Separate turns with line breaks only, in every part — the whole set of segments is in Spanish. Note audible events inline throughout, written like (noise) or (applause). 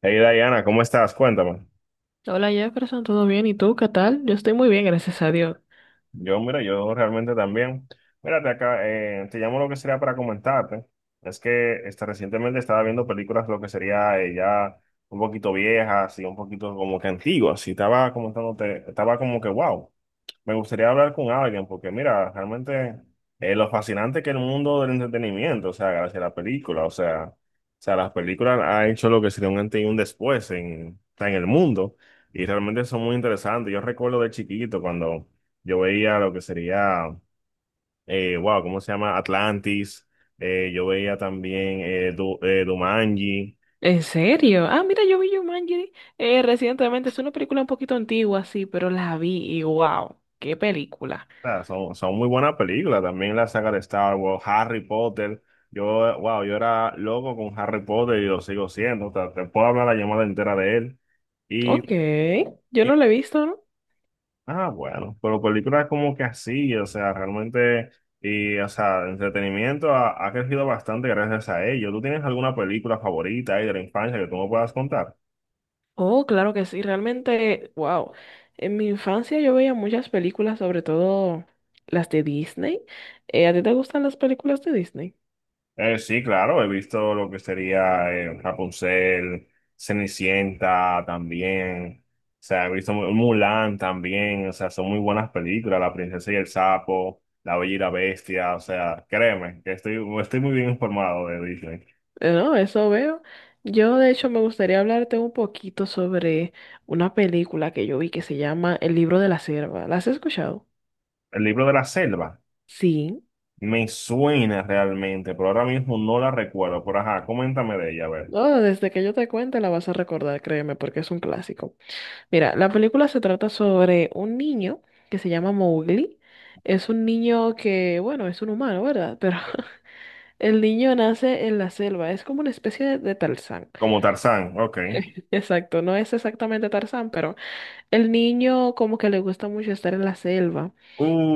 Hey Diana, ¿cómo estás? Cuéntame.
Hola Jefferson, ¿todo bien? ¿Y tú qué tal? Yo estoy muy bien, gracias a Dios.
Yo, mira, yo realmente también. Mírate acá, te llamo lo que sería para comentarte. Es que este, recientemente estaba viendo películas lo que sería ya un poquito viejas y un poquito como que antiguas. Y estaba comentándote, estaba como que wow. Me gustaría hablar con alguien porque mira, realmente lo fascinante que es el mundo del entretenimiento, o sea, gracias a la película, o sea, las películas han hecho lo que sería un antes y un después en, o sea, en el mundo y realmente son muy interesantes. Yo recuerdo de chiquito cuando yo veía lo que sería, wow, ¿cómo se llama? Atlantis, yo veía también Jumanji.
¿En serio? Ah, mira, yo vi Jumanji recientemente. Es una película un poquito antigua, sí, pero la vi y wow, qué película.
Sea, son muy buenas películas. También la saga de Star Wars, Harry Potter. Yo, wow, yo era loco con Harry Potter y lo sigo siendo. O sea, te puedo hablar la llamada entera de él. Y,
Ok, yo
y-
no la he visto, ¿no?
ah, bueno, pero películas como que así, o sea, realmente, y, o sea, el entretenimiento ha crecido bastante gracias a ello. ¿Tú tienes alguna película favorita ahí de la infancia que tú me puedas contar?
Oh, claro que sí, realmente, wow. En mi infancia yo veía muchas películas, sobre todo las de Disney. ¿A ti te gustan las películas de Disney?
Sí, claro, he visto lo que sería Rapunzel, Cenicienta también, o sea, he visto Mulan también, o sea, son muy buenas películas, La princesa y el sapo, La bella y la bestia, o sea, créeme, que estoy muy bien informado de Disney.
No, eso veo. Yo, de hecho, me gustaría hablarte un poquito sobre una película que yo vi que se llama El libro de la sierva. ¿La has escuchado?
El libro de la selva
Sí.
me suena realmente, pero ahora mismo no la recuerdo, pero ajá, coméntame de ella, a ver.
No, desde que yo te cuente la vas a recordar, créeme, porque es un clásico. Mira, la película se trata sobre un niño que se llama Mowgli. Es un niño que, bueno, es un humano, ¿verdad? Pero (laughs) el niño nace en la selva, es como una especie de Tarzán.
Como Tarzán, ok.
(laughs) Exacto, no es exactamente Tarzán, pero el niño como que le gusta mucho estar en la selva.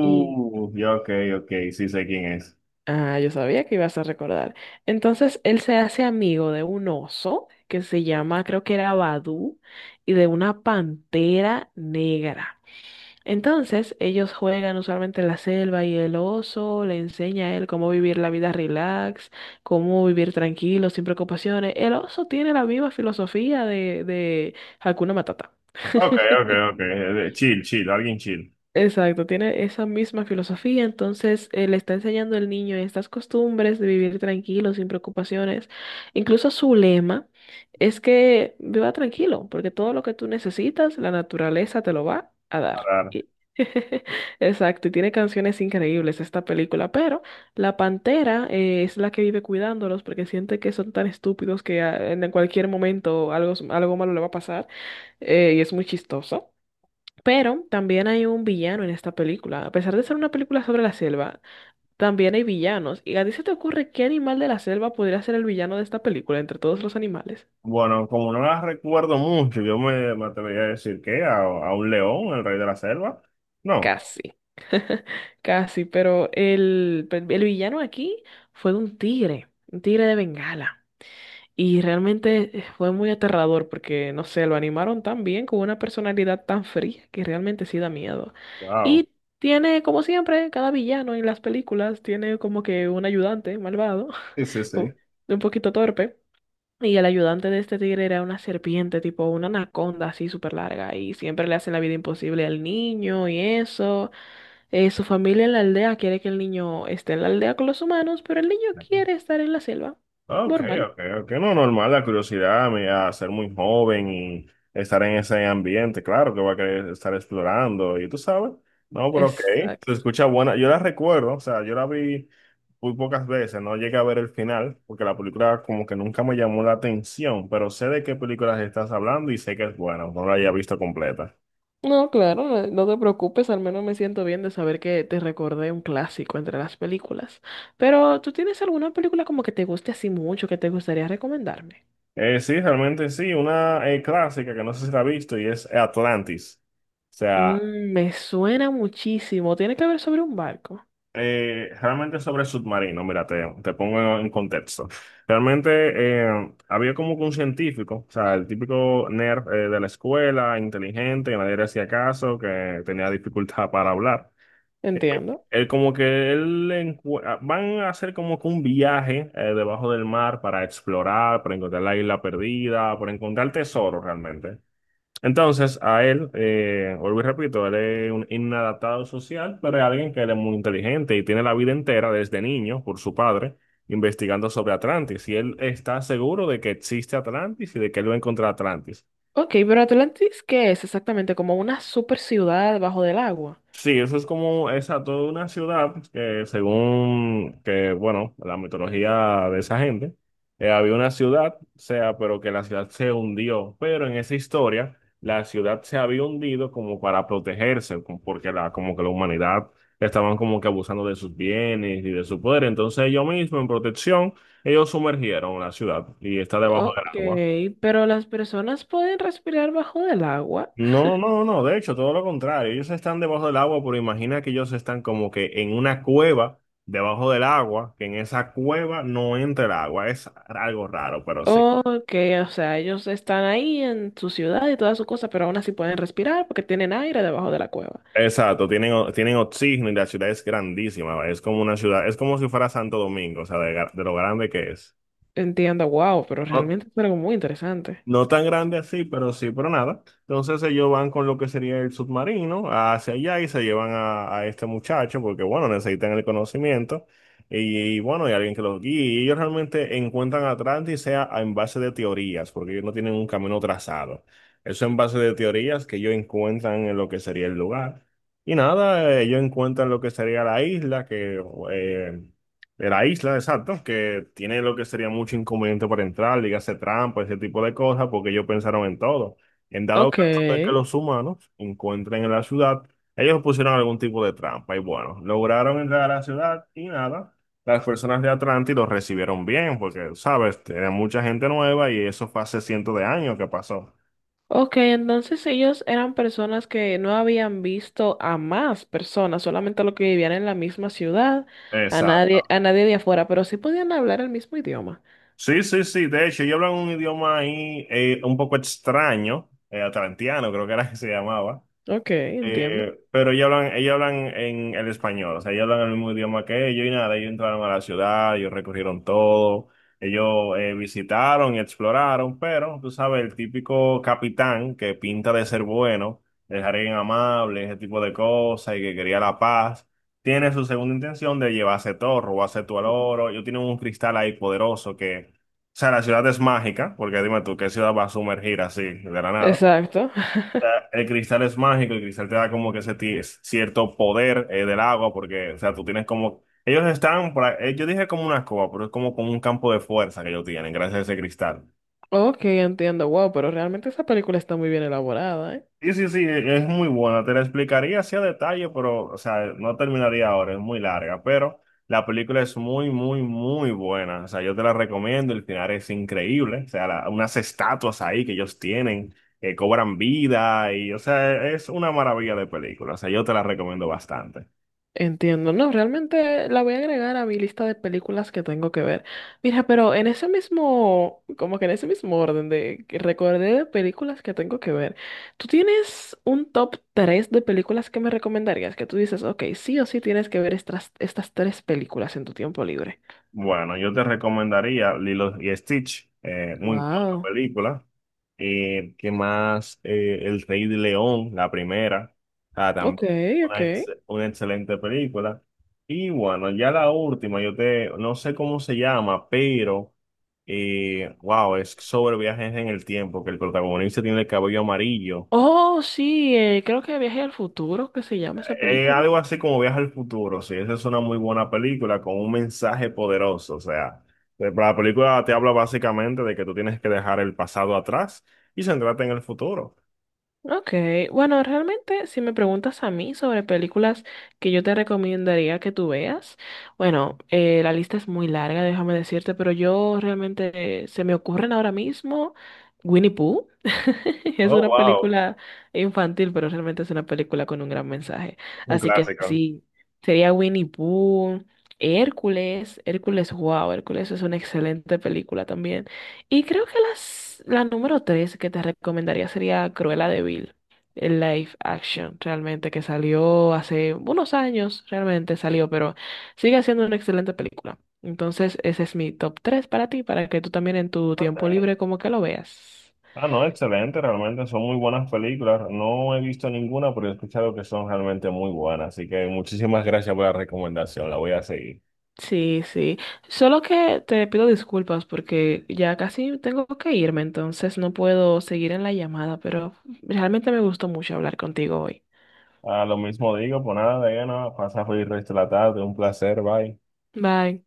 Y,
Ya, ok, ok, sí sé quién es.
ah, yo sabía que ibas a recordar. Entonces, él se hace amigo de un oso que se llama, creo que era Badú, y de una pantera negra. Entonces, ellos juegan usualmente en la selva y el oso le enseña a él cómo vivir la vida relax, cómo vivir tranquilo, sin preocupaciones. El oso tiene la misma filosofía de Hakuna Matata.
Ok, ok,
(laughs)
ok. Chill, chill, alguien chill.
Exacto, tiene esa misma filosofía, entonces le está enseñando al niño estas costumbres de vivir tranquilo, sin preocupaciones. Incluso su lema es que viva tranquilo, porque todo lo que tú necesitas, la naturaleza te lo va a dar.
Claro.
Y (laughs) exacto, y tiene canciones increíbles esta película, pero la pantera es la que vive cuidándolos porque siente que son tan estúpidos que ah, en cualquier momento algo, algo malo le va a pasar y es muy chistoso. Pero también hay un villano en esta película. A pesar de ser una película sobre la selva, también hay villanos. ¿Y a ti se te ocurre qué animal de la selva podría ser el villano de esta película entre todos los animales?
Bueno, como no las recuerdo mucho, yo me atrevería a decir que a un león, el rey de la selva. No.
Casi, casi, pero el, pues, el villano aquí fue de un tigre de Bengala. Y realmente fue muy aterrador porque, no sé, lo animaron tan bien con una personalidad tan fría que realmente sí da miedo.
Wow.
Y tiene, como siempre, cada villano en las películas tiene como que un ayudante malvado,
Sí, sí,
(laughs)
sí.
o un poquito torpe. Y el ayudante de este tigre era una serpiente, tipo una anaconda así súper larga. Y siempre le hacen la vida imposible al niño y eso. Su familia en la aldea quiere que el niño esté en la aldea con los humanos, pero el niño quiere estar en la selva.
Ok,
Normal.
ok, ok. No, normal, la curiosidad me a ser muy joven y estar en ese ambiente, claro que va a querer estar explorando y tú sabes. No, pero ok, se
Exacto.
escucha buena. Yo la recuerdo, o sea, yo la vi muy pocas veces, no llegué a ver el final, porque la película como que nunca me llamó la atención, pero sé de qué películas estás hablando y sé que es buena, no la haya visto completa.
No, claro, no, no te preocupes, al menos me siento bien de saber que te recordé un clásico entre las películas. Pero, ¿tú tienes alguna película como que te guste así mucho, que te gustaría recomendarme?
Sí, realmente sí, una clásica que no sé si la has visto y es Atlantis. O sea,
Mm, me suena muchísimo. Tiene que ver sobre un barco.
Realmente sobre el submarino, mira, te pongo en contexto. Realmente había como que un científico, o sea, el típico nerd de la escuela, inteligente, que nadie le hacía caso, que tenía dificultad (laughs) para hablar. Eh,
Entiendo.
Él como que van a hacer como que un viaje debajo del mar para explorar, para encontrar la isla perdida, para encontrar tesoro realmente. Entonces, a él, vuelvo y repito, él es un inadaptado social, pero es alguien que él es muy inteligente y tiene la vida entera desde niño por su padre investigando sobre Atlantis. Y él está seguro de que existe Atlantis y de que él va a encontrar Atlantis.
Ok, pero Atlantis, ¿qué es exactamente? ¿Como una super ciudad bajo del agua?
Sí, eso es como esa toda una ciudad que según que, bueno, la mitología de esa gente, había una ciudad, o sea, pero que la ciudad se hundió, pero en esa historia la ciudad se había hundido como para protegerse, como porque la, como que la humanidad estaban como que abusando de sus bienes y de su poder, entonces ellos mismos en protección, ellos sumergieron la ciudad y está debajo del
Ok,
agua.
pero las personas pueden respirar bajo del agua.
No, no, no, de hecho, todo lo contrario. Ellos están debajo del agua, pero imagina que ellos están como que en una cueva debajo del agua, que en esa cueva no entra el agua. Es algo raro, pero sí.
Ok, o sea, ellos están ahí en su ciudad y toda su cosa, pero aún así pueden respirar porque tienen aire debajo de la cueva.
Exacto, tienen, tienen oxígeno y la ciudad es grandísima. ¿Vale? Es como una ciudad, es como si fuera Santo Domingo, o sea, de, de lo grande que es.
Entiendo, wow, pero
No,
realmente es algo muy interesante.
no tan grande así, pero sí, pero nada. Entonces ellos van con lo que sería el submarino hacia allá y se llevan a este muchacho porque, bueno, necesitan el conocimiento y, bueno, hay alguien que los guíe. Y ellos realmente encuentran Atlantis sea en base de teorías, porque ellos no tienen un camino trazado. Eso en base de teorías que ellos encuentran en lo que sería el lugar. Y nada, ellos encuentran lo que sería la isla, que eh, de la isla, exacto, que tiene lo que sería mucho inconveniente para entrar, dígase trampa, ese tipo de cosas, porque ellos pensaron en todo. En dado
Ok,
caso de que los humanos encuentren en la ciudad, ellos pusieron algún tipo de trampa y bueno, lograron entrar a la ciudad y nada, las personas de Atlantis los recibieron bien, porque, sabes, era mucha gente nueva y eso fue hace cientos de años que pasó.
ok, entonces ellos eran personas que no habían visto a más personas, solamente a los que vivían en la misma ciudad,
Exacto.
a nadie de afuera, pero sí podían hablar el mismo idioma.
Sí, sí, sí. De hecho, ellos hablan un idioma ahí un poco extraño, atlantiano, creo que era que se llamaba.
Ok, entiendo.
Pero ellos hablan en el español, o sea, ellos hablan el mismo idioma que ellos y nada, ellos entraron a la ciudad, ellos recorrieron todo, ellos visitaron y exploraron, pero tú sabes, el típico capitán que pinta de ser bueno, de alguien amable, ese tipo de cosas y que quería la paz, tiene su segunda intención de llevarse todo, robarse todo el oro, ellos tienen un cristal ahí poderoso que, o sea, la ciudad es mágica, porque dime tú, ¿qué ciudad va a sumergir así de la nada?
Exacto. (laughs)
Sea, el cristal es mágico, el cristal te da como que cierto poder del agua, porque, o sea, tú tienes como... Ellos están, yo dije como una escoba, pero es como con un campo de fuerza que ellos tienen, gracias a ese cristal.
Ok, entiendo. Wow, pero realmente esa película está muy bien elaborada, ¿eh?
Sí, sí, sí, es muy buena. Te la explicaría así a detalle, pero, o sea, no terminaría ahora, es muy larga, pero la película es muy, muy, muy buena. O sea, yo te la recomiendo, el final es increíble. O sea, unas estatuas ahí que ellos tienen, que cobran vida y, o sea, es una maravilla de película. O sea, yo te la recomiendo bastante.
Entiendo. No, realmente la voy a agregar a mi lista de películas que tengo que ver. Mira, pero en ese mismo, como que en ese mismo orden de que recordé de películas que tengo que ver, ¿tú tienes un top 3 de películas que me recomendarías? Que tú dices, ok, sí o sí tienes que ver estas, estas tres películas en tu tiempo libre.
Bueno, yo te recomendaría Lilo y Stitch, muy buena
Wow.
película. ¿Qué más? El Rey de León, la primera. O sea,
Ok,
también
ok.
una, una excelente película. Y bueno, ya la última, yo te, no sé cómo se llama, pero, wow, es sobre viajes en el tiempo, que el protagonista tiene el cabello amarillo.
Oh, sí, creo que Viaje al Futuro, que se llama esa película.
Algo así como Viaje al Futuro, sí, esa es una muy buena película con un mensaje poderoso, o sea, la película te habla básicamente de que tú tienes que dejar el pasado atrás y centrarte en el futuro.
Ok, bueno, realmente si me preguntas a mí sobre películas que yo te recomendaría que tú veas, bueno, la lista es muy larga, déjame decirte, pero yo realmente se me ocurren ahora mismo Winnie Pooh. (laughs) Es
Oh,
una
wow.
película infantil, pero realmente es una película con un gran mensaje.
Un
Así que
clásico.
sí, sería Winnie Pooh, Hércules, Hércules, wow, Hércules es una excelente película también. Y creo que las, la número tres que te recomendaría sería Cruella de Vil, el live action, realmente, que salió hace unos años, realmente salió, pero sigue siendo una excelente película. Entonces, ese es mi top tres para ti, para que tú también en tu
Ok.
tiempo libre como que lo veas.
Ah, no, excelente, realmente son muy buenas películas. No he visto ninguna, pero he escuchado que son realmente muy buenas. Así que muchísimas gracias por la recomendación, la voy a seguir.
Sí, sí. Solo que te pido disculpas porque ya casi tengo que irme, entonces no puedo seguir en la llamada, pero realmente me gustó mucho hablar contigo hoy.
Ah, lo mismo digo, pues nada, Diana, pasa feliz resto de la tarde, un placer, bye.
Bye.